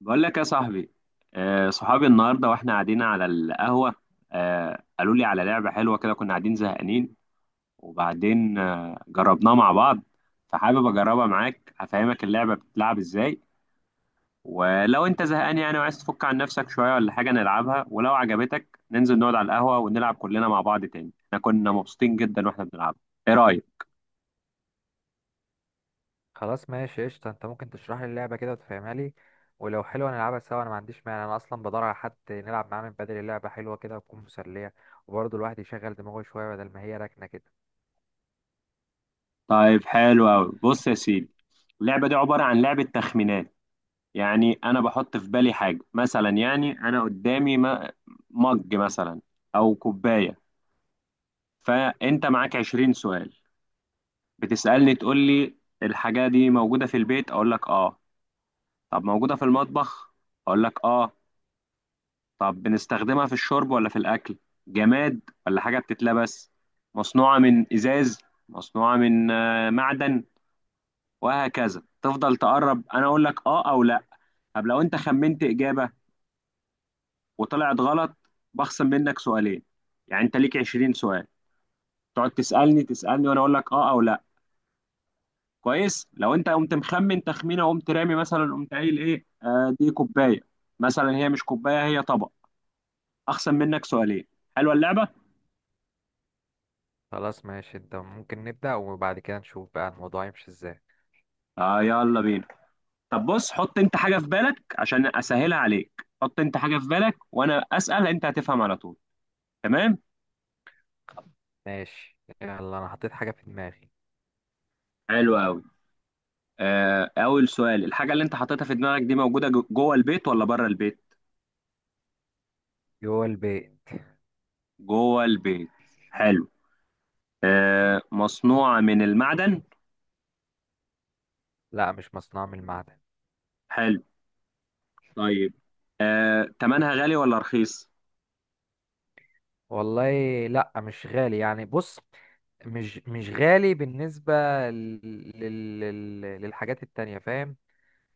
بقول لك يا صاحبي، صحابي النهارده واحنا قاعدين على القهوه. قالوا لي على لعبه حلوه كده، كنا قاعدين زهقانين وبعدين جربناها مع بعض، فحابب اجربها معاك. هفهمك اللعبه بتتلعب ازاي، ولو انت زهقان يعني وعايز تفك عن نفسك شويه ولا حاجه نلعبها، ولو عجبتك ننزل نقعد على القهوه ونلعب كلنا مع بعض تاني. احنا كنا مبسوطين جدا واحنا بنلعبها. ايه رايك؟ خلاص ماشي قشطة، انت ممكن تشرح لي اللعبة كده وتفهمها لي. ولو حلوة نلعبها سوا، انا ما عنديش مانع. انا اصلا بدور على حد نلعب معاه من بدري. اللعبة حلوة كده وتكون مسلية، وبرضه الواحد يشغل دماغه شوية بدل ما هي راكنة كده. طيب حلو قوي، بص يا سيدي. اللعبه دي عباره عن لعبه تخمينات. يعني انا بحط في بالي حاجه مثلا، يعني انا قدامي مج مثلا، او كوبايه. فانت معاك 20 سؤال، بتسالني تقول لي: الحاجه دي موجوده في البيت؟ اقول لك اه. طب موجوده في المطبخ؟ اقول لك اه. طب بنستخدمها في الشرب ولا في الاكل؟ جماد ولا حاجه بتتلبس؟ مصنوعه من ازاز؟ مصنوعه من معدن؟ وهكذا تفضل تقرب، انا اقول لك اه او لا. طب لو انت خمنت اجابه وطلعت غلط، بخصم منك سؤالين. يعني انت ليك 20 سؤال، تقعد تسالني تسالني وانا اقول لك اه او لا. كويس؟ لو انت قمت مخمن تخمينه وقمت رامي مثلا، قمت قايل ايه دي كوبايه مثلا، هي مش كوبايه، هي طبق، اخصم منك سؤالين. حلوه اللعبه. خلاص ماشي، انت ممكن نبدأ وبعد كده نشوف بقى الموضوع يمشي ازاي؟ اه، يلا بينا. طب بص، حط انت حاجه في بالك، عشان اسهلها عليك حط انت حاجه في بالك وانا اسال، انت هتفهم على طول. تمام. ماشي يلا، انا حطيت حاجة في دماغي. حلو قوي. اول سؤال: الحاجه اللي انت حطيتها في دماغك دي موجوده جوه البيت ولا بره البيت؟ جوه البيت. جوه البيت. حلو. مصنوعة من المعدن؟ لا، مش مصنوع من المعدن. حلو. طيب. تمنها غالي ولا رخيص؟ والله. لا مش غالي، يعني بص، مش غالي بالنسبة لل... لل... للحاجات التانية، فاهم؟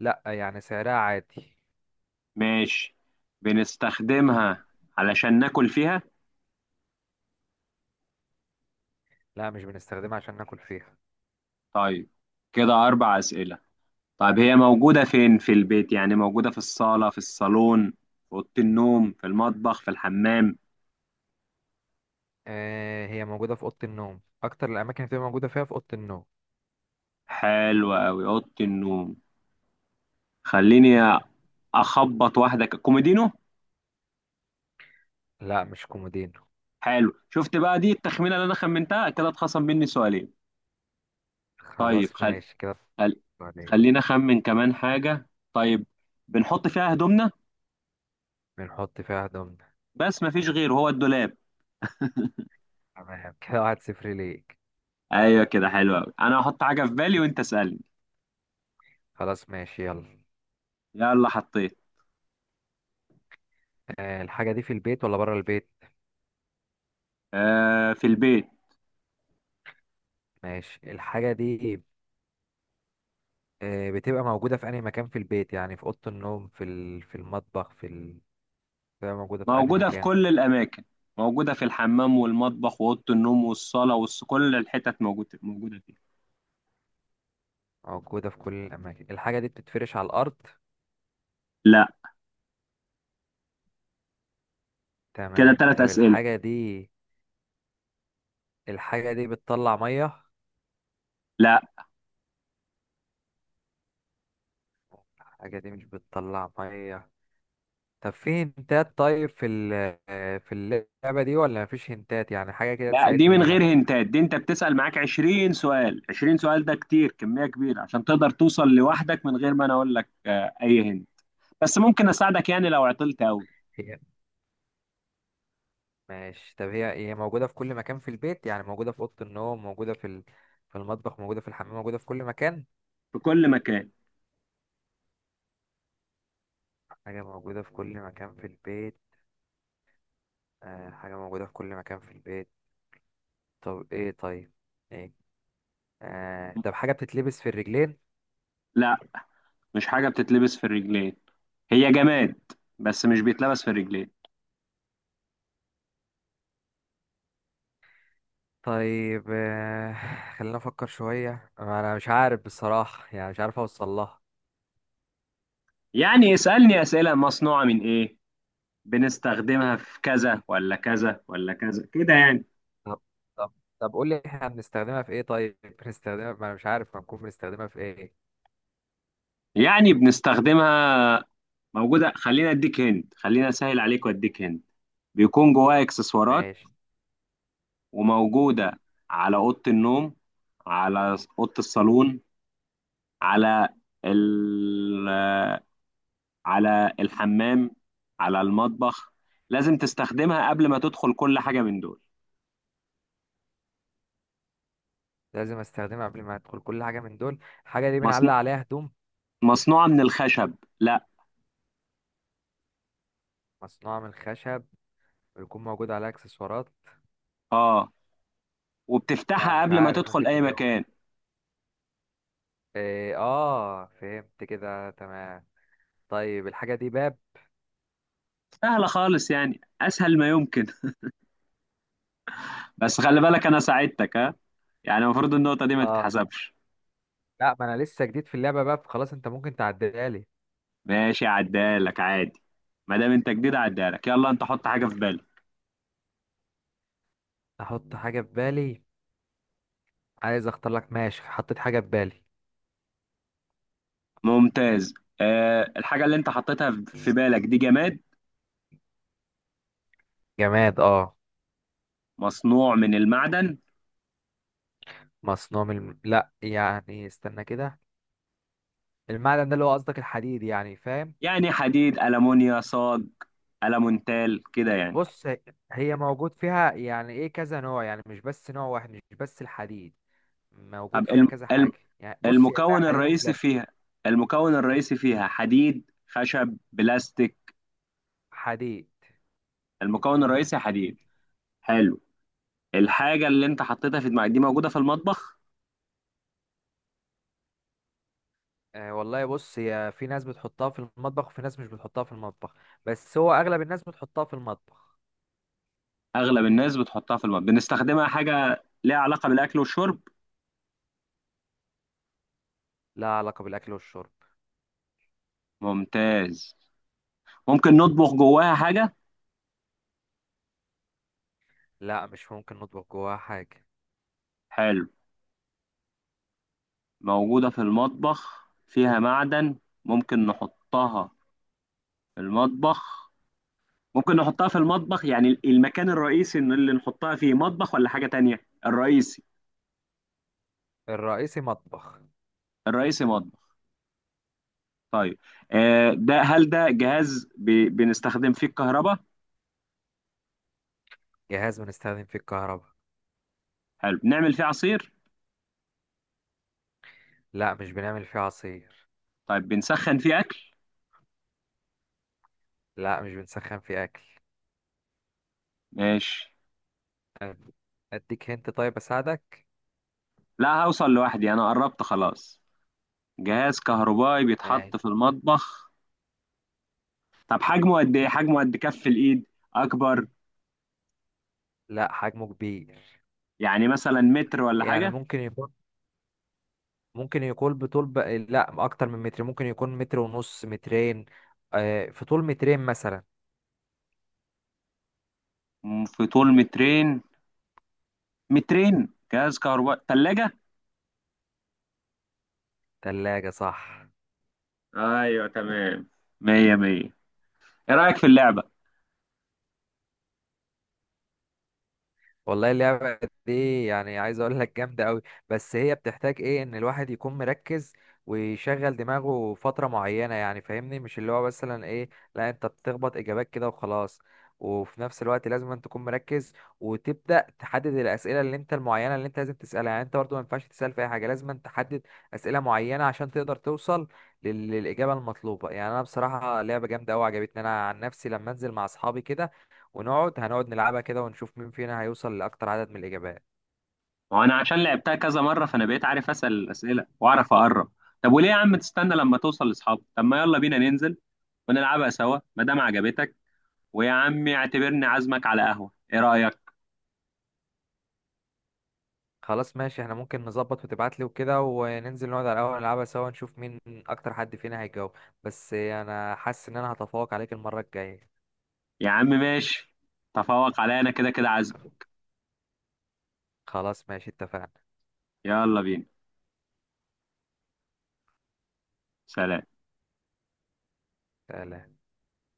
لا يعني سعرها عادي. ماشي. بنستخدمها علشان ناكل فيها؟ لا، مش بنستخدمها عشان ناكل فيها. طيب، كده أربع أسئلة. طيب هي موجودة فين في البيت؟ يعني موجودة في الصالة، في الصالون، في أوضة النوم، في المطبخ، في الحمام؟ آه، هي موجودة في أوضة النوم، أكتر الأماكن اللي بتبقى موجودة فيها في أوضة النوم. حلو أوي، أوضة النوم. خليني أخبط واحدة، كوميدينو. لا، مش كومودينو. حلو، شفت بقى؟ دي التخمينة اللي أنا خمنتها كده اتخصم مني سؤالين. طيب خلاص ماشي كده. خل... عليه. خلينا اخمن كمان حاجة. طيب بنحط فيها هدومنا؟ بنحط فيها هدومنا. بس مفيش غير هو الدولاب. تمام كده، 1-0 ليك. ايوه كده، حلو قوي. انا هحط حاجة في بالي وانت اسألني. خلاص ماشي يلا. يلا حطيت. آه، الحاجة دي في البيت ولا بره البيت؟ آه، في البيت. ماشي، الحاجة دي، بتبقى موجودة في أي مكان في البيت، يعني في أوضة النوم، في المطبخ، بتبقى موجودة في أي موجودة في مكان؟ كل الاماكن، موجودة في الحمام والمطبخ وأوضة النوم والصالة كل الحتت موجودة فيها. موجودة في كل الأماكن. الحاجة دي بتتفرش على الأرض؟ لا. كده تمام. ثلاث طب أسئلة. الحاجة دي، بتطلع مية؟ لا. الحاجة دي مش بتطلع مية. طب في هنتات؟ طيب، في اللعبة دي ولا مفيش هنتات، يعني حاجة كده لا، دي تساعدني من غير بيها؟ هنتات، دي انت بتسأل معاك 20 سؤال، 20 سؤال ده كتير، كمية كبيرة عشان تقدر توصل لوحدك من غير ما انا اقول لك اي هنت. بس ممكن اساعدك يعني لو عطلت قوي. هي. ماشي، طب هي موجودة في كل مكان في البيت، يعني موجودة في أوضة النوم، موجودة في المطبخ، موجودة في الحمام، موجودة في كل مكان؟ في كل مكان. حاجة موجودة في كل مكان في البيت. حاجة موجودة في كل مكان في البيت. طب ايه؟ طيب ايه؟ طب حاجة بتتلبس في الرجلين؟ لا، مش حاجه بتتلبس في الرجلين، هي جماد بس مش بيتلبس في الرجلين. طيب، خلينا افكر شوية، انا مش عارف بصراحة يعني مش عارف اوصل لها. يعني اسالني اسئله: مصنوعه من ايه؟ بنستخدمها في كذا ولا كذا ولا كذا، كده يعني. طب طب طب قول لي، احنا بنستخدمها في ايه طيب؟ بنستخدمها؟ ما انا مش عارف هنكون بنستخدمها في ايه. يعني بنستخدمها، موجوده. خلينا اديك هند، خلينا اسهل عليك واديك هند. بيكون جواها اكسسوارات، ماشي. وموجوده على اوضه النوم، على اوضه الصالون، على ال- على الحمام، على المطبخ. لازم تستخدمها قبل ما تدخل كل حاجة من دول. لازم استخدمها قبل ما ادخل كل حاجة من دول. حاجة دي مصن... بنعلق عليها هدوم؟ مصنوعة من الخشب؟ لا. مصنوعة من الخشب؟ ويكون موجود عليها اكسسوارات؟ اه، لا وبتفتحها مش قبل ما عارف، تدخل ممكن أي تجاوب. مكان. إيه، اه، فهمت كده، تمام. طيب الحاجة دي باب؟ سهلة خالص يعني، أسهل ما يمكن. بس خلي بالك أنا ساعدتك ها، يعني المفروض النقطة دي ما اه. تتحسبش. لا، ما انا لسه جديد في اللعبة، باب خلاص، انت ممكن تعديها لي. ماشي، عدالك عادي. ما دام أنت جديد عدالك، يلا أنت حط حاجة في بالك. احط حاجة في بالي. عايز اختار لك، ماشي، حطيت حاجة في بالي. ممتاز. الحاجة اللي أنت حطيتها في بالك دي جماد؟ جماد، اه. مصنوع من المعدن؟ مصنوع لا يعني استنى كده. المعدن ده اللي هو قصدك الحديد يعني، فاهم؟ يعني حديد، ألمونيا، صاج، ألمونتال، كده يعني. بص، هي موجود فيها يعني ايه كذا نوع، يعني مش بس نوع واحد، مش بس الحديد، موجود طب فيها كذا حاجة، يعني بص، هي فيها المكون حديد الرئيسي وبلاستيك. فيها، المكون الرئيسي فيها حديد، خشب، بلاستيك؟ حديد. المكون الرئيسي حديد. حلو. الحاجة اللي انت حطيتها في دماغك دي موجودة في المطبخ؟ آه والله، بص، هي في ناس بتحطها في المطبخ وفي ناس مش بتحطها في المطبخ. بس هو اغلب الناس بتحطها في المطبخ. أغلب الناس بتحطها في المطبخ. بنستخدمها حاجة ليها علاقة بالأكل والشرب؟ لا علاقة بالاكل والشرب. ممتاز. ممكن نطبخ جواها حاجة؟ لا، مش ممكن نطبخ جواها حاجة. حلو. موجودة في المطبخ، فيها معدن، ممكن نحطها في المطبخ. ممكن نحطها في المطبخ، يعني المكان الرئيسي إن اللي نحطها فيه مطبخ ولا حاجة تانية؟ الرئيسي. الرئيسي مطبخ. الرئيسي مطبخ. طيب. ده هل ده جهاز بنستخدم فيه الكهرباء؟ جهاز بنستخدم فيه الكهرباء. حلو. نعمل فيه عصير؟ لا، مش بنعمل فيه عصير. طيب، بنسخن فيه أكل؟ لا، مش بنسخن فيه اكل. ماشي. أد- اديك هنت؟ طيب اساعدك. لا، هوصل لوحدي، أنا قربت خلاص. جهاز كهربائي بيتحط ماشي. في المطبخ. طب حجمه قد إيه؟ حجمه قد كف الإيد؟ أكبر؟ لا، حجمه كبير. يعني مثلا متر ولا يعني حاجة؟ ممكن يكون لا، اكتر من متر، ممكن يكون متر ونص، مترين. آه، في طول مترين مثلا. في طول مترين؟ مترين، جهاز كهربائي، تلاجة. ثلاجة صح. ايوه تمام. مية مية. ايه رأيك في اللعبة؟ والله اللعبة دي، يعني عايز اقول لك جامدة قوي. بس هي بتحتاج ايه ان الواحد يكون مركز، ويشغل دماغه فترة معينة، يعني فاهمني، مش اللي هو مثلا ايه. لا، انت بتخبط اجابات كده وخلاص. وفي نفس الوقت لازم أن تكون مركز، وتبدأ تحدد الأسئلة اللي انت المعينة اللي انت لازم تسألها. يعني انت برضو ما ينفعش تسأل في اي حاجة، لازم أن تحدد أسئلة معينة عشان تقدر توصل للإجابة المطلوبة. يعني انا بصراحة لعبة جامدة قوي عجبتني. انا عن نفسي لما انزل مع اصحابي كده، ونقعد نلعبها كده ونشوف مين فينا هيوصل لأكتر عدد من الإجابات. وانا عشان لعبتها كذا مرة، فانا بقيت عارف اسأل الأسئلة واعرف اقرب. طب وليه يا عم تستنى لما توصل لاصحابك؟ طب ما يلا بينا ننزل ونلعبها سوا ما دام عجبتك. ويا عم اعتبرني عازمك على قهوة، ايه رأيك؟ خلاص ماشي، احنا ممكن نظبط وتبعتلي وكده، وننزل نقعد على القهوة نلعبها سوا، نشوف مين أكتر حد فينا هيجاوب. بس أنا حاسس إن أنا هتفوق عليك المرة الجاية. يا عم ماشي، تفوق عليا انا كده كده عازم. خلاص ماشي، اتفقنا. يلا بينا. سلام. سلام.